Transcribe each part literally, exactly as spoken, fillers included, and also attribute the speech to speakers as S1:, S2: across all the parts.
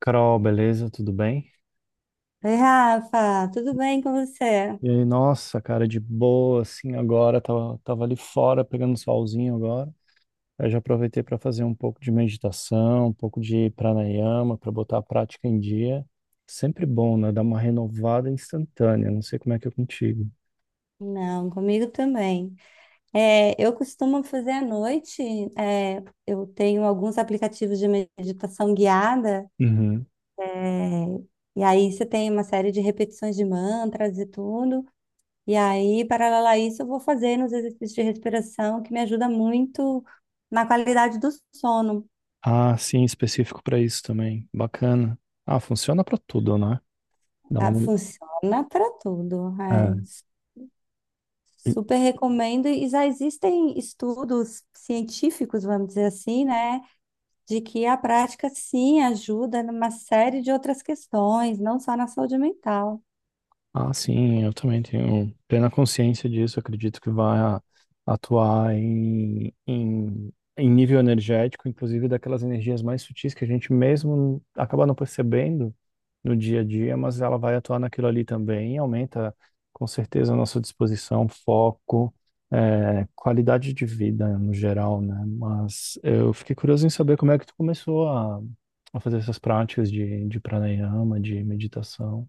S1: Carol, beleza? Tudo bem?
S2: Oi, Rafa, tudo bem com você?
S1: E aí, nossa, cara, de boa, assim, agora, tava, tava ali fora pegando solzinho agora. Eu já aproveitei para fazer um pouco de meditação, um pouco de pranayama, para botar a prática em dia. Sempre bom, né? Dar uma renovada instantânea. Não sei como é que é contigo.
S2: Não, comigo também. É, eu costumo fazer à noite, é, eu tenho alguns aplicativos de meditação guiada,
S1: Uhum.
S2: é, e aí você tem uma série de repetições de mantras e tudo, e aí, paralelo a isso, eu vou fazendo os exercícios de respiração, que me ajuda muito na qualidade do sono.
S1: Ah, sim, específico para isso também. Bacana. Ah, funciona para tudo, né? Dá
S2: Ah,
S1: uma...
S2: funciona para tudo, é.
S1: É.
S2: Super recomendo, e já existem estudos científicos, vamos dizer assim, né, de que a prática sim ajuda numa série de outras questões, não só na saúde mental.
S1: Ah, sim, eu também tenho plena consciência disso. Acredito que vai a- atuar em, em, em nível energético, inclusive daquelas energias mais sutis que a gente mesmo acaba não percebendo no dia a dia, mas ela vai atuar naquilo ali também e aumenta com certeza a nossa disposição, foco, eh, qualidade de vida no geral, né? Mas eu fiquei curioso em saber como é que tu começou a, a fazer essas práticas de, de pranayama, de meditação.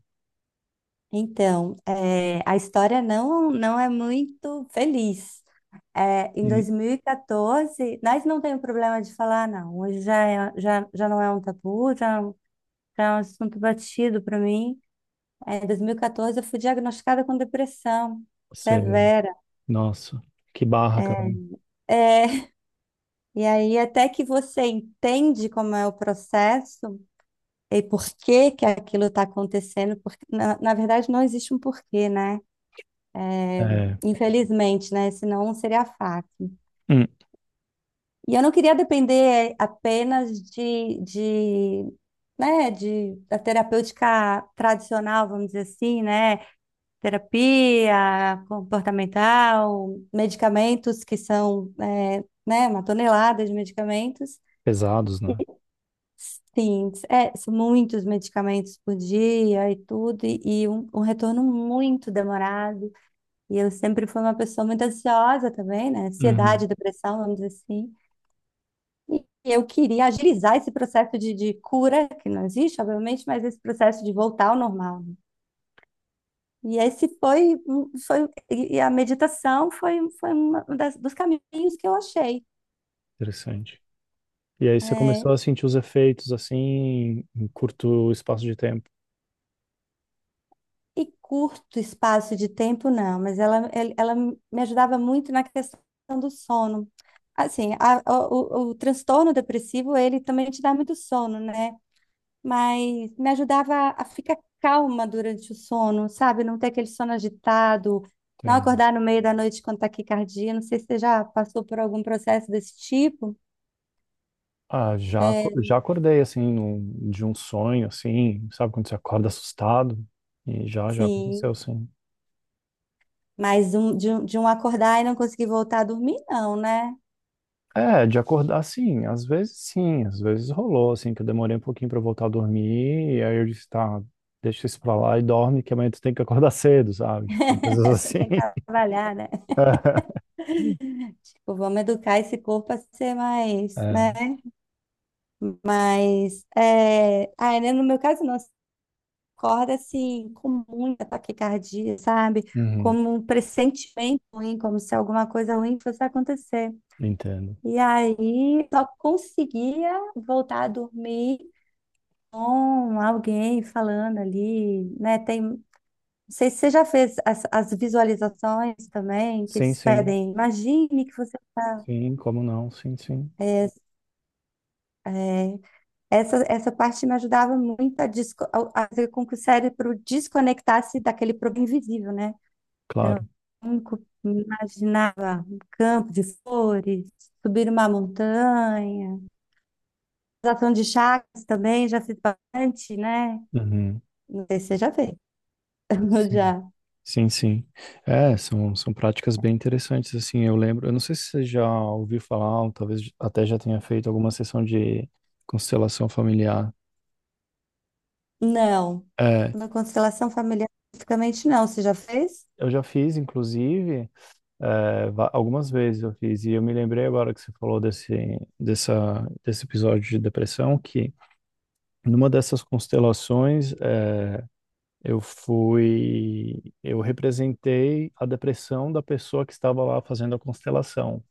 S2: Então, eh, a história não, não é muito feliz. É, em
S1: E
S2: dois mil e quatorze, nós não temos problema de falar, não. Hoje já, é- já, já não é um tabu, já, é um- já é um assunto batido para mim. É, em dois mil e quatorze, eu fui diagnosticada com depressão
S1: você.
S2: severa.
S1: Nossa, que barra, Carol.
S2: É, e aí, até que você entende como é o processo e por que que aquilo está acontecendo, porque na, na verdade não existe um porquê, né?
S1: É,
S2: Infelizmente, né? Senão seria fácil.
S1: hum,
S2: E eu não queria depender apenas de, de, né, de, da terapêutica tradicional, vamos dizer assim, né? Terapia comportamental, medicamentos que são, é, né, uma tonelada de medicamentos.
S1: pesados, né?
S2: Sim, é, são muitos medicamentos por dia e tudo, e, e um, um retorno muito demorado. E eu sempre fui uma pessoa muito ansiosa também, né?
S1: Uhum.
S2: Ansiedade, depressão, vamos dizer assim. E eu queria agilizar esse processo de, de cura, que não existe, obviamente, mas esse processo de voltar ao normal, né? E esse foi, um- foi e e a meditação foi, foi um dos caminhos que eu achei.
S1: Interessante. E aí você começou
S2: É,
S1: a sentir os efeitos assim em curto espaço de tempo.
S2: e curto espaço de tempo, não, mas ela, el- ela me ajudava muito na questão do sono. Assim, a- o, o- o transtorno depressivo, ele também te dá muito sono, né? Mas me ajudava a ficar calma durante o sono, sabe? Não ter aquele sono agitado, não
S1: Entendo.
S2: acordar no meio da noite com taquicardia. Não sei se você já passou por algum processo desse tipo.
S1: Ah, já,
S2: É,
S1: aco- já acordei assim num- de um sonho assim, sabe quando você acorda assustado? E já já aconteceu
S2: sim.
S1: sim.
S2: Mas um, de, um- de um acordar e não conseguir voltar a dormir, não, né?
S1: É, de acordar sim, às vezes sim, às vezes rolou assim que eu demorei um pouquinho pra voltar a dormir e aí eu disse, tá, deixa isso pra lá e dorme que amanhã tu tem que acordar cedo, sabe? Tipo, coisas
S2: Você
S1: assim.
S2: tem que trabalhar, né? Tipo, vamos educar esse corpo a ser mais, né?
S1: É,
S2: Mas, é... ah, né, no meu caso, não. Você acorda assim, com muita taquicardia, sabe?
S1: uhum,
S2: Como um pressentimento ruim, como se alguma coisa ruim fosse acontecer.
S1: entendo.
S2: E aí, só conseguia voltar a dormir com alguém falando ali, né? Tem, não sei se você já fez as, as visualizações também, que
S1: Sim,
S2: eles
S1: sim,
S2: pedem. Imagine que você
S1: sim, como não? Sim, sim,
S2: está... Essa, essa parte me ajudava muito a, desco- a- a fazer com que o cérebro desconectasse daquele problema invisível, né? Então,
S1: claro.
S2: eu imaginava um campo de flores, subir uma montanha, ação de chakras também, já fiz bastante, né?
S1: Uhum,
S2: Não sei se você já fez.
S1: sim,
S2: Já.
S1: sim, sim. É, são, são práticas bem interessantes, assim, eu lembro, eu não sei se você já ouviu falar, ou talvez até já tenha feito alguma sessão de constelação familiar.
S2: Não.
S1: É,
S2: Na constelação familiar, especificamente, não. Você já fez?
S1: eu já fiz, inclusive, é, va- algumas vezes eu fiz, e eu me lembrei agora que você falou desse, dessa, desse episódio de depressão, que numa dessas constelações, é, eu fui, eu representei a depressão da pessoa que estava lá fazendo a constelação.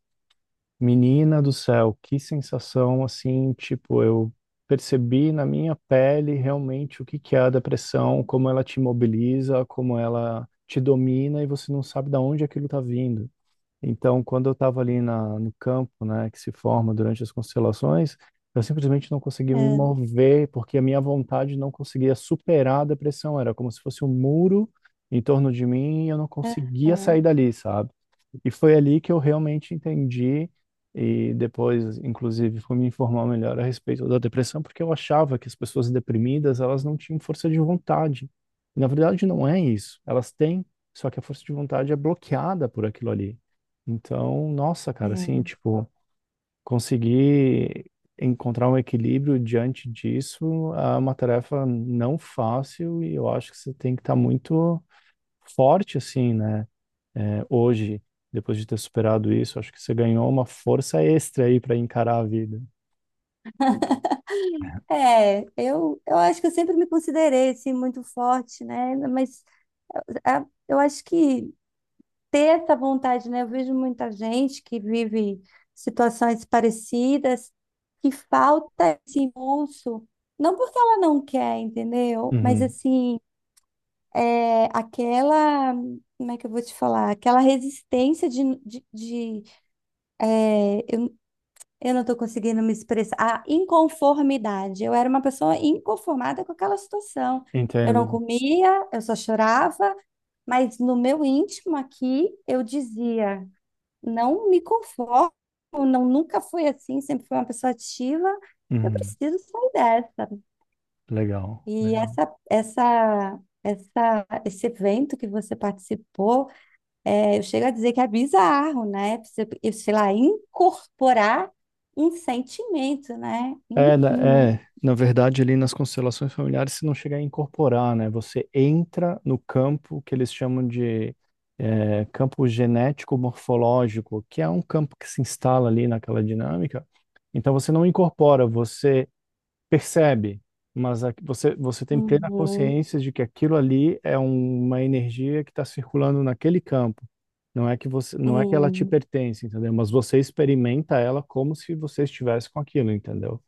S1: Menina do céu, que sensação assim, tipo, eu percebi na minha pele realmente o que que é a depressão, como ela te mobiliza, como ela te domina e você não sabe de onde aquilo está vindo. Então, quando eu estava ali na, no campo, né, que se forma durante as constelações, eu simplesmente não conseguia me
S2: É.
S1: mover, porque a minha vontade não conseguia superar a depressão. Era como se fosse um muro em torno de mim e eu não conseguia sair
S2: Aham,
S1: dali, sabe? E foi ali que eu realmente entendi, e depois, inclusive, fui me informar melhor a respeito da depressão, porque eu achava que as pessoas deprimidas, elas não tinham força de vontade. E, na verdade, não é isso. Elas têm, só que a força de vontade é bloqueada por aquilo ali. Então, nossa, cara, assim, tipo, conseguir encontrar um equilíbrio diante disso é uma tarefa não fácil e eu acho que você tem que estar muito forte, assim, né? É, hoje, depois de ter superado isso, acho que você ganhou uma força extra aí para encarar a vida.
S2: é, é, eu, eu acho que eu sempre me considerei assim, muito forte, né? Mas é- eu acho que ter essa vontade, né? Eu vejo muita gente que vive situações parecidas, que falta esse impulso, não porque ela não quer, entendeu? Mas
S1: Uhum,
S2: assim, é aquela, como é que eu vou te falar? Aquela resistência de, de, de- eu, eu não estou conseguindo me expressar, a inconformidade. Eu era uma pessoa inconformada com aquela situação. Eu não
S1: entendo.
S2: comia, eu só chorava. Mas no meu íntimo aqui, eu dizia, não me conformo, não, nunca fui assim, sempre fui uma pessoa ativa, eu
S1: Uhum,
S2: preciso sair dessa.
S1: legal.
S2: E
S1: Legal.
S2: essa, essa, essa, esse evento que você participou, é, eu chego a dizer que é bizarro, né? Você, eu sei lá, incorporar um sentimento, né? Hum,
S1: É, na-
S2: hum,
S1: é, na verdade, ali nas constelações familiares, você não chega a incorporar, né? Você entra no campo que eles chamam de é, campo genético-morfológico, que é um campo que se instala ali naquela dinâmica. Então, você não incorpora, você percebe, mas a- você, você tem plena
S2: uhum,
S1: consciência de que aquilo ali é um- uma energia que está circulando naquele campo. Não é que você,
S2: hum.
S1: não é que ela te
S2: Hum.
S1: pertence, entendeu? Mas você experimenta ela como se você estivesse com aquilo, entendeu?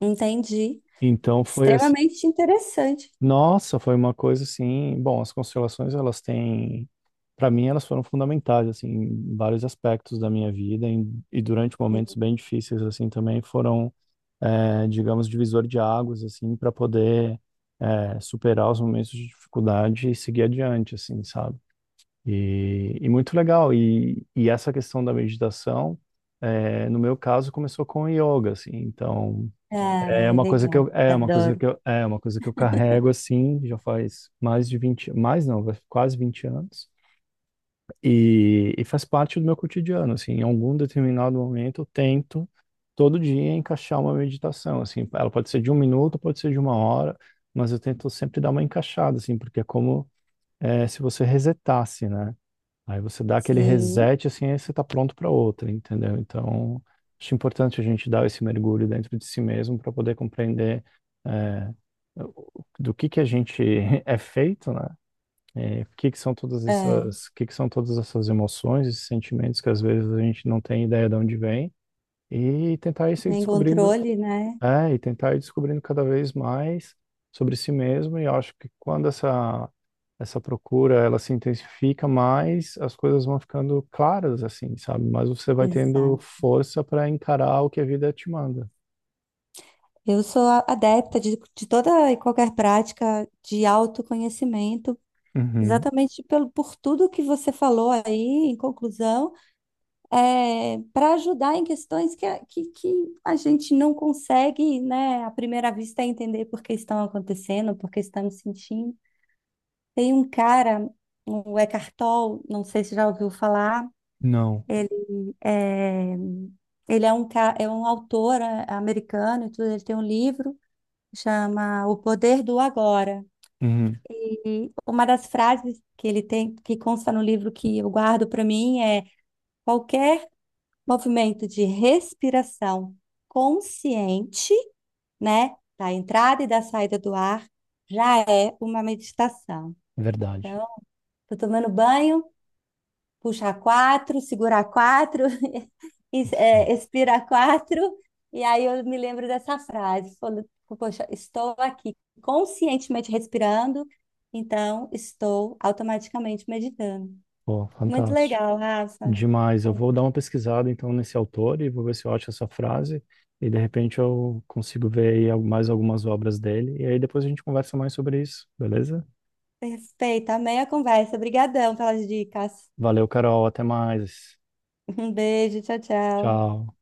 S2: Entendi.
S1: Então foi assim,
S2: Extremamente interessante.
S1: nossa, foi uma coisa assim, bom, as constelações elas têm, para mim elas foram fundamentais assim, em vários aspectos da minha vida em- e durante momentos bem difíceis assim também foram, eh, digamos, divisor de águas assim para poder eh, superar os momentos de dificuldade e seguir adiante assim, sabe? E, e muito legal e, e essa questão da meditação eh, no meu caso começou com o yoga assim, então
S2: Ah,
S1: é uma coisa que
S2: legal,
S1: eu, é uma coisa
S2: adoro.
S1: que eu, é uma coisa que eu carrego assim, já faz mais de vinte mais não, vai- quase vinte anos. E, e faz parte do meu cotidiano, assim, em algum determinado momento eu tento todo dia encaixar uma meditação, assim, ela pode ser de um minuto, pode ser de uma hora, mas eu tento sempre dar uma encaixada, assim, porque é como é, se você resetasse, né? Aí você dá aquele
S2: Sim,
S1: reset, assim, aí você tá pronto para outra, entendeu? Então, acho importante a gente dar esse mergulho dentro de si mesmo para poder compreender é, o- do que que a gente é feito, né? É, o que que são todas
S2: é,
S1: essas, o que que são todas essas emoções, esses sentimentos que às vezes a gente não tem ideia de onde vem e tentar ir se
S2: nem
S1: descobrindo
S2: controle, né?
S1: é, e tentar ir descobrindo cada vez mais sobre si mesmo, e eu acho que quando essa, essa procura ela se intensifica mais, as coisas vão ficando claras, assim, sabe? Mas você vai tendo
S2: Exato.
S1: força para encarar o que a vida te manda.
S2: Eu sou a- adepta de, de toda e qualquer prática de autoconhecimento,
S1: Uhum.
S2: exatamente pelo, por tudo que você falou aí, em conclusão, é, para ajudar em questões que, a- que, que a gente não consegue, né, à primeira vista, entender por que estão acontecendo, por que estamos sentindo. Tem um cara, o Eckhart Tolle, não sei se já ouviu falar.
S1: Não.
S2: É, ele é um, ca- é um autor é, americano e tudo, ele tem um livro que chama O Poder do Agora.
S1: Uhum.
S2: E uma das frases que ele tem, que consta no livro que eu guardo para mim é: qualquer movimento de respiração consciente, né, da entrada e da saída do ar, já é uma meditação.
S1: Verdade.
S2: Então, tô tomando banho, puxar quatro, segurar quatro e,
S1: Isso.
S2: é, expira quatro, e aí eu me lembro dessa frase, quando, poxa, estou aqui conscientemente respirando, então estou automaticamente meditando.
S1: Pô,
S2: Muito
S1: fantástico.
S2: legal, Rafa.
S1: Demais. Eu vou dar uma pesquisada então nesse autor e vou ver se eu acho essa frase, e de repente eu consigo ver aí al- mais algumas obras dele, e aí depois a gente conversa mais sobre isso, beleza?
S2: Perfeito, amei a conversa. Obrigadão pelas dicas.
S1: Valeu, Carol. Até mais.
S2: Um beijo, tchau, tchau.
S1: Tchau.